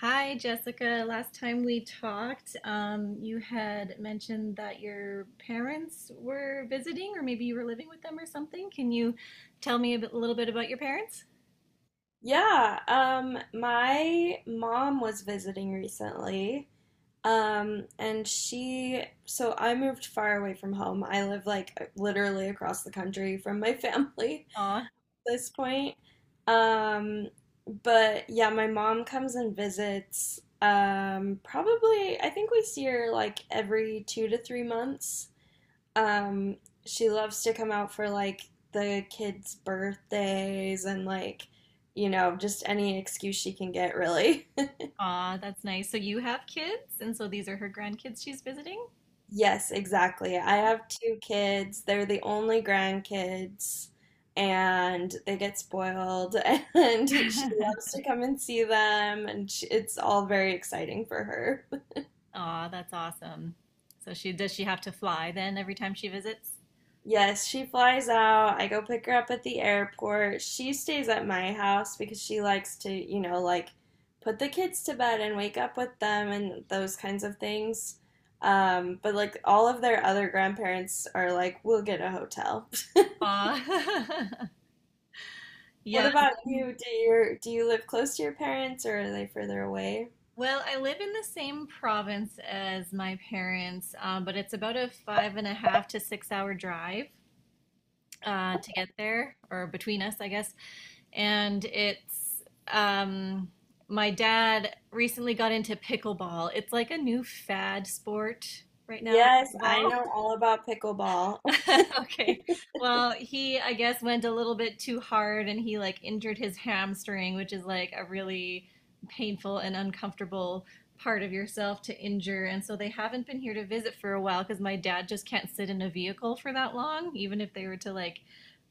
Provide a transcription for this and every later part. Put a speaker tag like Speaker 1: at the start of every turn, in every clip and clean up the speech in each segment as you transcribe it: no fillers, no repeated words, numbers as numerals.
Speaker 1: Hi, Jessica. Last time we talked, you had mentioned that your parents were visiting, or maybe you were living with them or something. Can you tell me a little bit about your parents?
Speaker 2: Yeah, my mom was visiting recently. So I moved far away from home. I live like literally across the country from my family
Speaker 1: Aw,
Speaker 2: at this point. Um, but yeah, my mom comes and visits. Probably, I think we see her like every two to three months um, she loves to come out for like the kids' birthdays and like, you know, just any excuse she can get, really.
Speaker 1: aw, that's nice. So you have kids, and so these are her grandkids she's visiting?
Speaker 2: Yes, exactly. I have two kids. They're the only grandkids, and they get spoiled. And she
Speaker 1: Aw,
Speaker 2: loves to come and see them, and she, it's all very exciting for her.
Speaker 1: aw, that's awesome. So she does she have to fly then every time she visits?
Speaker 2: Yes, she flies out. I go pick her up at the airport. She stays at my house because she likes to, you know, like put the kids to bed and wake up with them and those kinds of things. But like all of their other grandparents are like, we'll get a hotel.
Speaker 1: Aw.
Speaker 2: What
Speaker 1: Yeah.
Speaker 2: about you? Do you live close to your parents, or are they further away?
Speaker 1: Well, I live in the same province as my parents, but it's about a five and a half to 6-hour drive to get there, or between us, I guess. And it's um, my dad recently got into pickleball. It's like a new fad sport right now,
Speaker 2: Yes, I
Speaker 1: pickleball.
Speaker 2: know all about pickleball.
Speaker 1: Okay. Well, he, I guess, went a little bit too hard and he like injured his hamstring, which is like a really painful and uncomfortable part of yourself to injure. And so they haven't been here to visit for a while because my dad just can't sit in a vehicle for that long, even if they were to like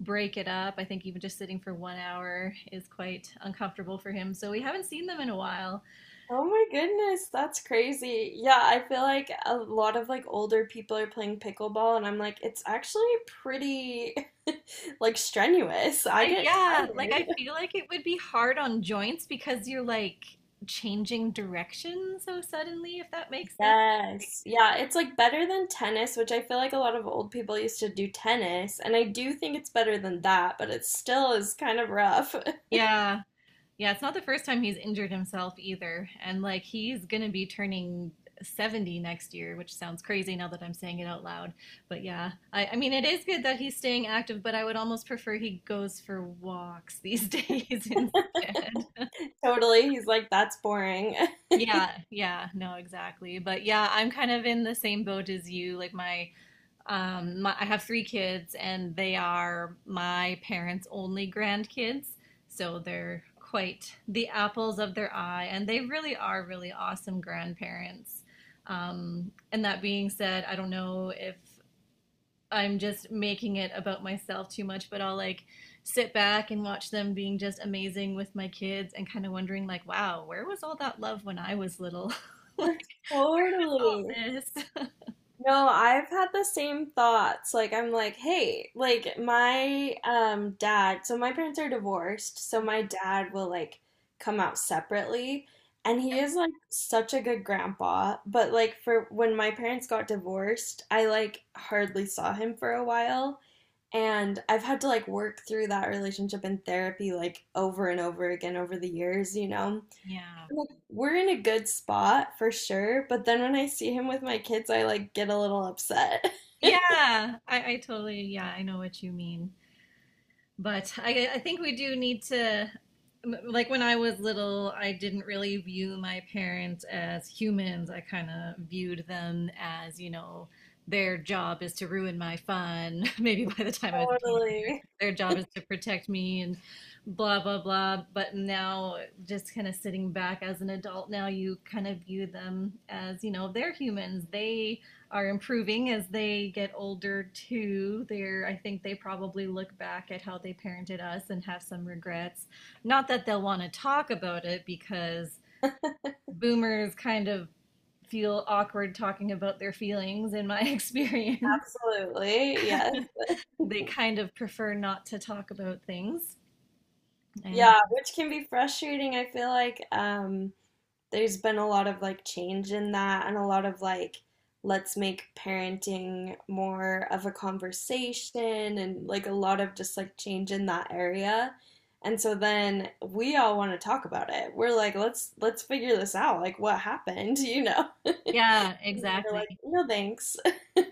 Speaker 1: break it up. I think even just sitting for one hour is quite uncomfortable for him. So we haven't seen them in a while.
Speaker 2: Oh my goodness, that's crazy. Yeah, I feel like a lot of like older people are playing pickleball, and I'm like it's actually pretty like strenuous. I get
Speaker 1: Yeah, like I
Speaker 2: tired.
Speaker 1: feel like it would be hard on joints because you're like changing direction so suddenly, if that makes sense. Like,
Speaker 2: Yes. Yeah, it's like better than tennis, which I feel like a lot of old people used to do tennis, and I do think it's better than that, but it still is kind of rough.
Speaker 1: yeah, yeah, it's not the first time he's injured himself either. And like he's gonna be turning 70 next year, which sounds crazy now that I'm saying it out loud. But yeah, I mean, it is good that he's staying active, but I would almost prefer he goes for walks these days instead.
Speaker 2: Totally. He's like that's boring.
Speaker 1: Yeah, yeah, no, exactly. But yeah, I'm kind of in the same boat as you. I have 3 kids, and they are my parents' only grandkids. So they're quite the apples of their eye, and they really are really awesome grandparents. And that being said, I don't know if I'm just making it about myself too much, but I'll like sit back and watch them being just amazing with my kids and kind of wondering, like, wow, where was all that love when I was little? Like all
Speaker 2: Totally.
Speaker 1: this?
Speaker 2: No, I've had the same thoughts. Like I'm like, hey, like my dad, so my parents are divorced, so my dad will like come out separately, and he is like such a good grandpa, but like for when my parents got divorced, I like hardly saw him for a while, and I've had to like work through that relationship in therapy like over and over again over the years, you know.
Speaker 1: Yeah.
Speaker 2: Like, we're in a good spot for sure, but then when I see him with my kids, I like get a little upset.
Speaker 1: Yeah, I totally, yeah, I know what you mean. But I think we do need to, like when I was little, I didn't really view my parents as humans. I kind of viewed them as their job is to ruin my fun. Maybe by the time I was a teenager,
Speaker 2: Totally.
Speaker 1: their job is to protect me and blah, blah, blah. But now, just kind of sitting back as an adult, now you kind of view them as they're humans. They are improving as they get older too. They're I think they probably look back at how they parented us and have some regrets. Not that they'll want to talk about it because boomers kind of feel awkward talking about their feelings in my experience.
Speaker 2: Absolutely. Yes.
Speaker 1: They kind of prefer not to talk about things. And
Speaker 2: Yeah, which can be frustrating. I feel like there's been a lot of like change in that and a lot of like let's make parenting more of a conversation and like a lot of just like change in that area. And so then we all want to talk about it. We're like, let's figure this out. Like what happened, you know?
Speaker 1: yeah,
Speaker 2: And you're like,
Speaker 1: exactly.
Speaker 2: no thanks.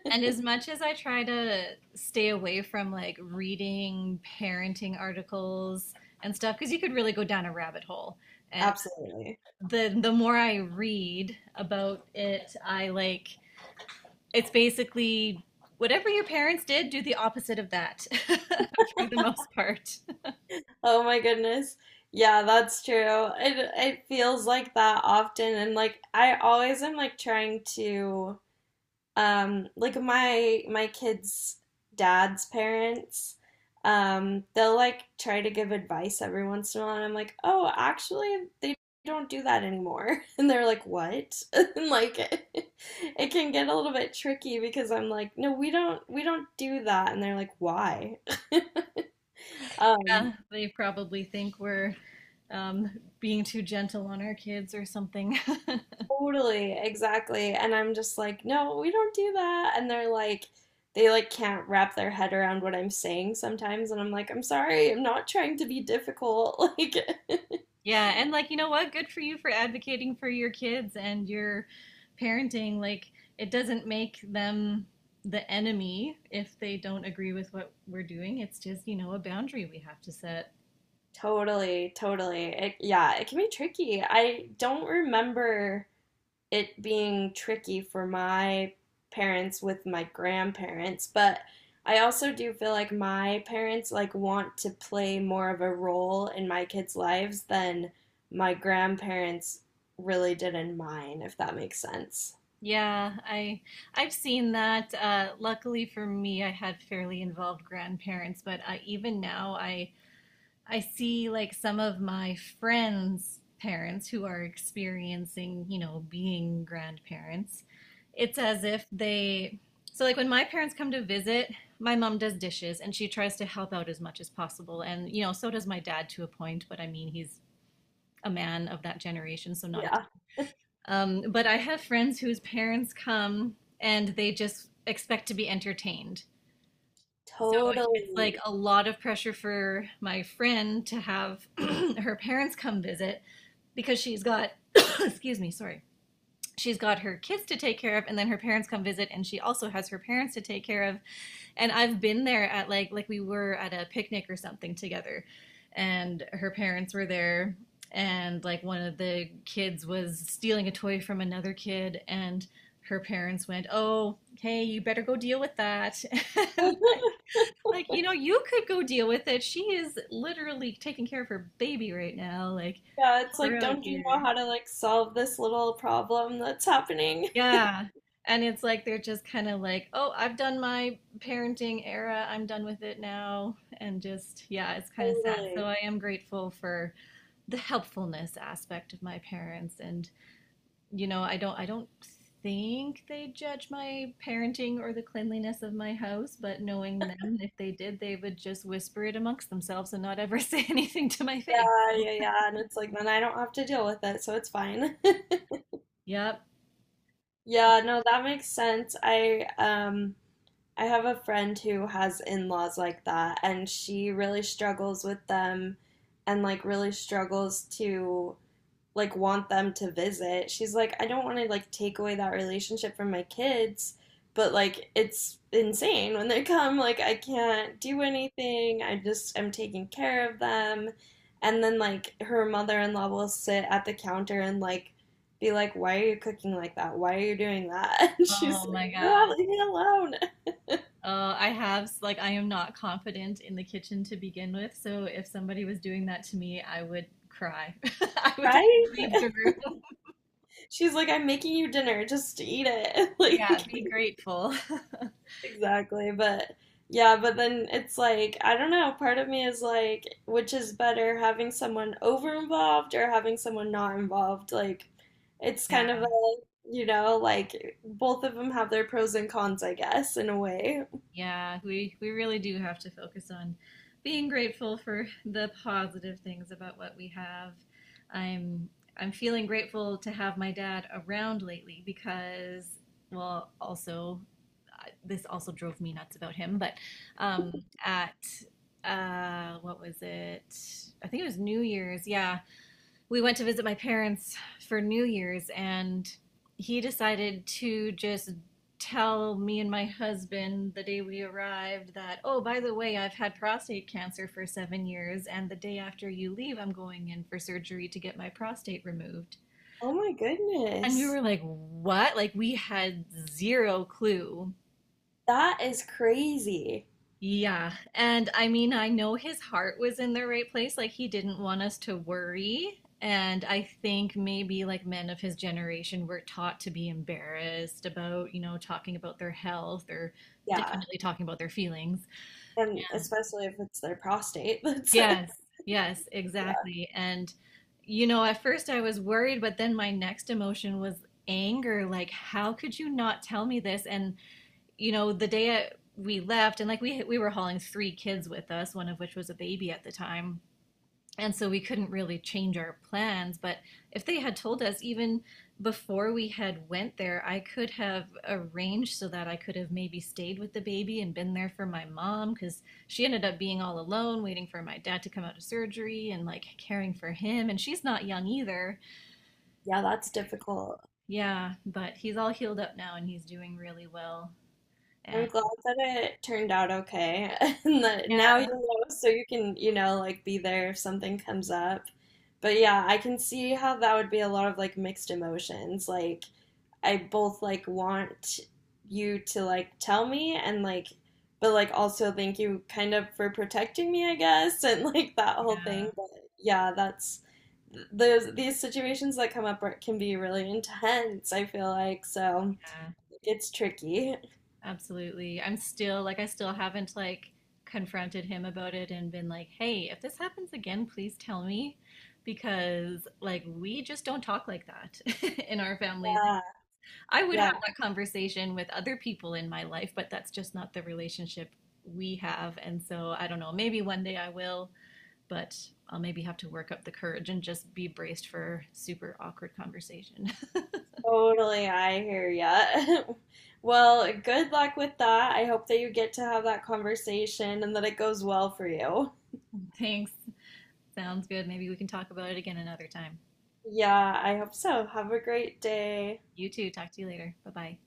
Speaker 1: And as much as I try to stay away from like reading parenting articles and stuff, because you could really go down a rabbit hole. And
Speaker 2: Absolutely.
Speaker 1: the more I read about it, I like it's basically whatever your parents did, do the opposite of that for the most part.
Speaker 2: Oh my goodness. Yeah, that's true. It feels like that often, and like I always am like trying to like my kids' dad's parents, they'll like try to give advice every once in a while, and I'm like, oh, actually, they don't do that anymore. And they're like, what? And like, it can get a little bit tricky because I'm like, no, we don't do that, and they're like, why? Um,
Speaker 1: Yeah, they probably think we're um, being too gentle on our kids or something.
Speaker 2: Totally, exactly. And I'm just like, no, we don't do that. And they're like, they like can't wrap their head around what I'm saying sometimes. And I'm like, I'm sorry, I'm not trying to be difficult. Like,
Speaker 1: Yeah, and like you know what? Good for you for advocating for your kids and your parenting. Like it doesn't make them the enemy if they don't agree with what we're doing. It's just a boundary we have to set.
Speaker 2: totally, totally. It, yeah, it can be tricky. I don't remember it being tricky for my parents with my grandparents, but I also do feel like my parents like want to play more of a role in my kids' lives than my grandparents really did in mine, if that makes sense.
Speaker 1: Yeah, I've seen that. Luckily for me, I had fairly involved grandparents, but even now I see like some of my friends' parents who are experiencing being grandparents. It's as if they, So like when my parents come to visit, my mom does dishes and she tries to help out as much as possible. And so does my dad to a point, but I mean, he's a man of that generation, so not
Speaker 2: Yeah,
Speaker 1: a, but I have friends whose parents come and they just expect to be entertained. So it's
Speaker 2: totally.
Speaker 1: like a lot of pressure for my friend to have her parents come visit because she's got, excuse me, sorry. She's got her kids to take care of, and then her parents come visit, and she also has her parents to take care of. And I've been there at like we were at a picnic or something together, and her parents were there, and like one of the kids was stealing a toy from another kid, and her parents went, "Oh, hey, you better go deal with that." And like, you could go deal with it. She is literally taking care of her baby right now. Like,
Speaker 2: Yeah, it's
Speaker 1: help her
Speaker 2: like,
Speaker 1: out
Speaker 2: don't you know
Speaker 1: here.
Speaker 2: how to like solve this little problem that's happening?
Speaker 1: Yeah. And it's like they're just kind of like, oh, I've done my parenting era. I'm done with it now. And just, yeah, it's kind of sad. So
Speaker 2: Totally.
Speaker 1: I am grateful for the helpfulness aspect of my parents and I don't think they judge my parenting or the cleanliness of my house, but knowing them, if they did, they would just whisper it amongst themselves and not ever say anything to my face.
Speaker 2: Yeah, yeah, yeah. And it's like then I don't have to deal with it, so it's fine.
Speaker 1: Yep.
Speaker 2: Yeah, no, that makes sense. I have a friend who has in-laws like that, and she really struggles with them and like really struggles to like want them to visit. She's like, I don't want to like take away that relationship from my kids, but like it's insane when they come. Like I can't do anything. I just am taking care of them. And then like her mother-in-law will sit at the counter and like be like, why are you cooking like that? Why are you doing that? And
Speaker 1: Oh
Speaker 2: she's like,
Speaker 1: my
Speaker 2: "Ah,
Speaker 1: gosh.
Speaker 2: leave me alone,
Speaker 1: Like, I am not confident in the kitchen to begin with, so if somebody was doing that to me, I would cry. I would
Speaker 2: right?
Speaker 1: leave the room.
Speaker 2: She's like, I'm making you dinner, just eat it.
Speaker 1: Yeah,
Speaker 2: Like
Speaker 1: be grateful.
Speaker 2: exactly. But yeah, but then it's like, I don't know, part of me is like, which is better, having someone over involved or having someone not involved? Like, it's
Speaker 1: Yeah.
Speaker 2: kind of a, you know, like both of them have their pros and cons, I guess, in a way.
Speaker 1: Yeah, we really do have to focus on being grateful for the positive things about what we have. I'm I'm feeling grateful to have my dad around lately because well, also this also drove me nuts about him, but um at what was it? I think it was New Year's. Yeah, we went to visit my parents for New Year's, and he decided to just tell me and my husband the day we arrived that, oh, by the way, I've had prostate cancer for 7 years, and the day after you leave, I'm going in for surgery to get my prostate removed.
Speaker 2: Oh my
Speaker 1: And we
Speaker 2: goodness.
Speaker 1: were like, what? Like, we had zero clue
Speaker 2: That is crazy.
Speaker 1: Yeah. And I mean, I know his heart was in the right place. Like, he didn't want us to worry. And I think maybe like men of his generation were taught to be embarrassed about talking about their health or
Speaker 2: Yeah.
Speaker 1: definitely talking about their feelings.
Speaker 2: And especially if it's their prostate. That's, yeah,
Speaker 1: Yes. Yes, exactly. And at first I was worried, but then my next emotion was anger. Like, how could you not tell me this? And the day we left, and like we were hauling 3 kids with us, one of which was a baby at the time, and so we couldn't really change our plans. But if they had told us even before we had went there, I could have arranged so that I could have maybe stayed with the baby and been there for my mom because she ended up being all alone, waiting for my dad to come out of surgery and like caring for him. And she's not young either.
Speaker 2: yeah, that's difficult.
Speaker 1: Yeah, but he's all healed up now and he's doing really well.
Speaker 2: I'm
Speaker 1: And
Speaker 2: glad that it turned out okay. And that now
Speaker 1: yeah,
Speaker 2: you know, so you can, you know, like be there if something comes up. But yeah, I can see how that would be a lot of like mixed emotions. Like, I both like want you to like tell me and like, but like also thank you kind of for protecting me, I guess, and like that whole thing.
Speaker 1: yeah,
Speaker 2: But yeah, that's those these situations that come up are, can be really intense, I feel like. So
Speaker 1: yeah.
Speaker 2: it's tricky.
Speaker 1: Absolutely. I still haven't like confronted him about it and been like, "Hey, if this happens again, please tell me." Because like we just don't talk like that in our family. Like,
Speaker 2: Yeah,
Speaker 1: I would have
Speaker 2: yeah,
Speaker 1: that conversation with other people in my life, but that's just not the relationship we have. And so I don't know, maybe one day I will, but I'll maybe have to work up the courage and just be braced for super awkward conversation.
Speaker 2: totally, I hear ya. Well, good luck with that. I hope that you get to have that conversation and that it goes well for you.
Speaker 1: Thanks. Sounds good. Maybe we can talk about it again another time.
Speaker 2: Yeah, I hope so. Have a great day.
Speaker 1: You too. Talk to you later. Bye bye.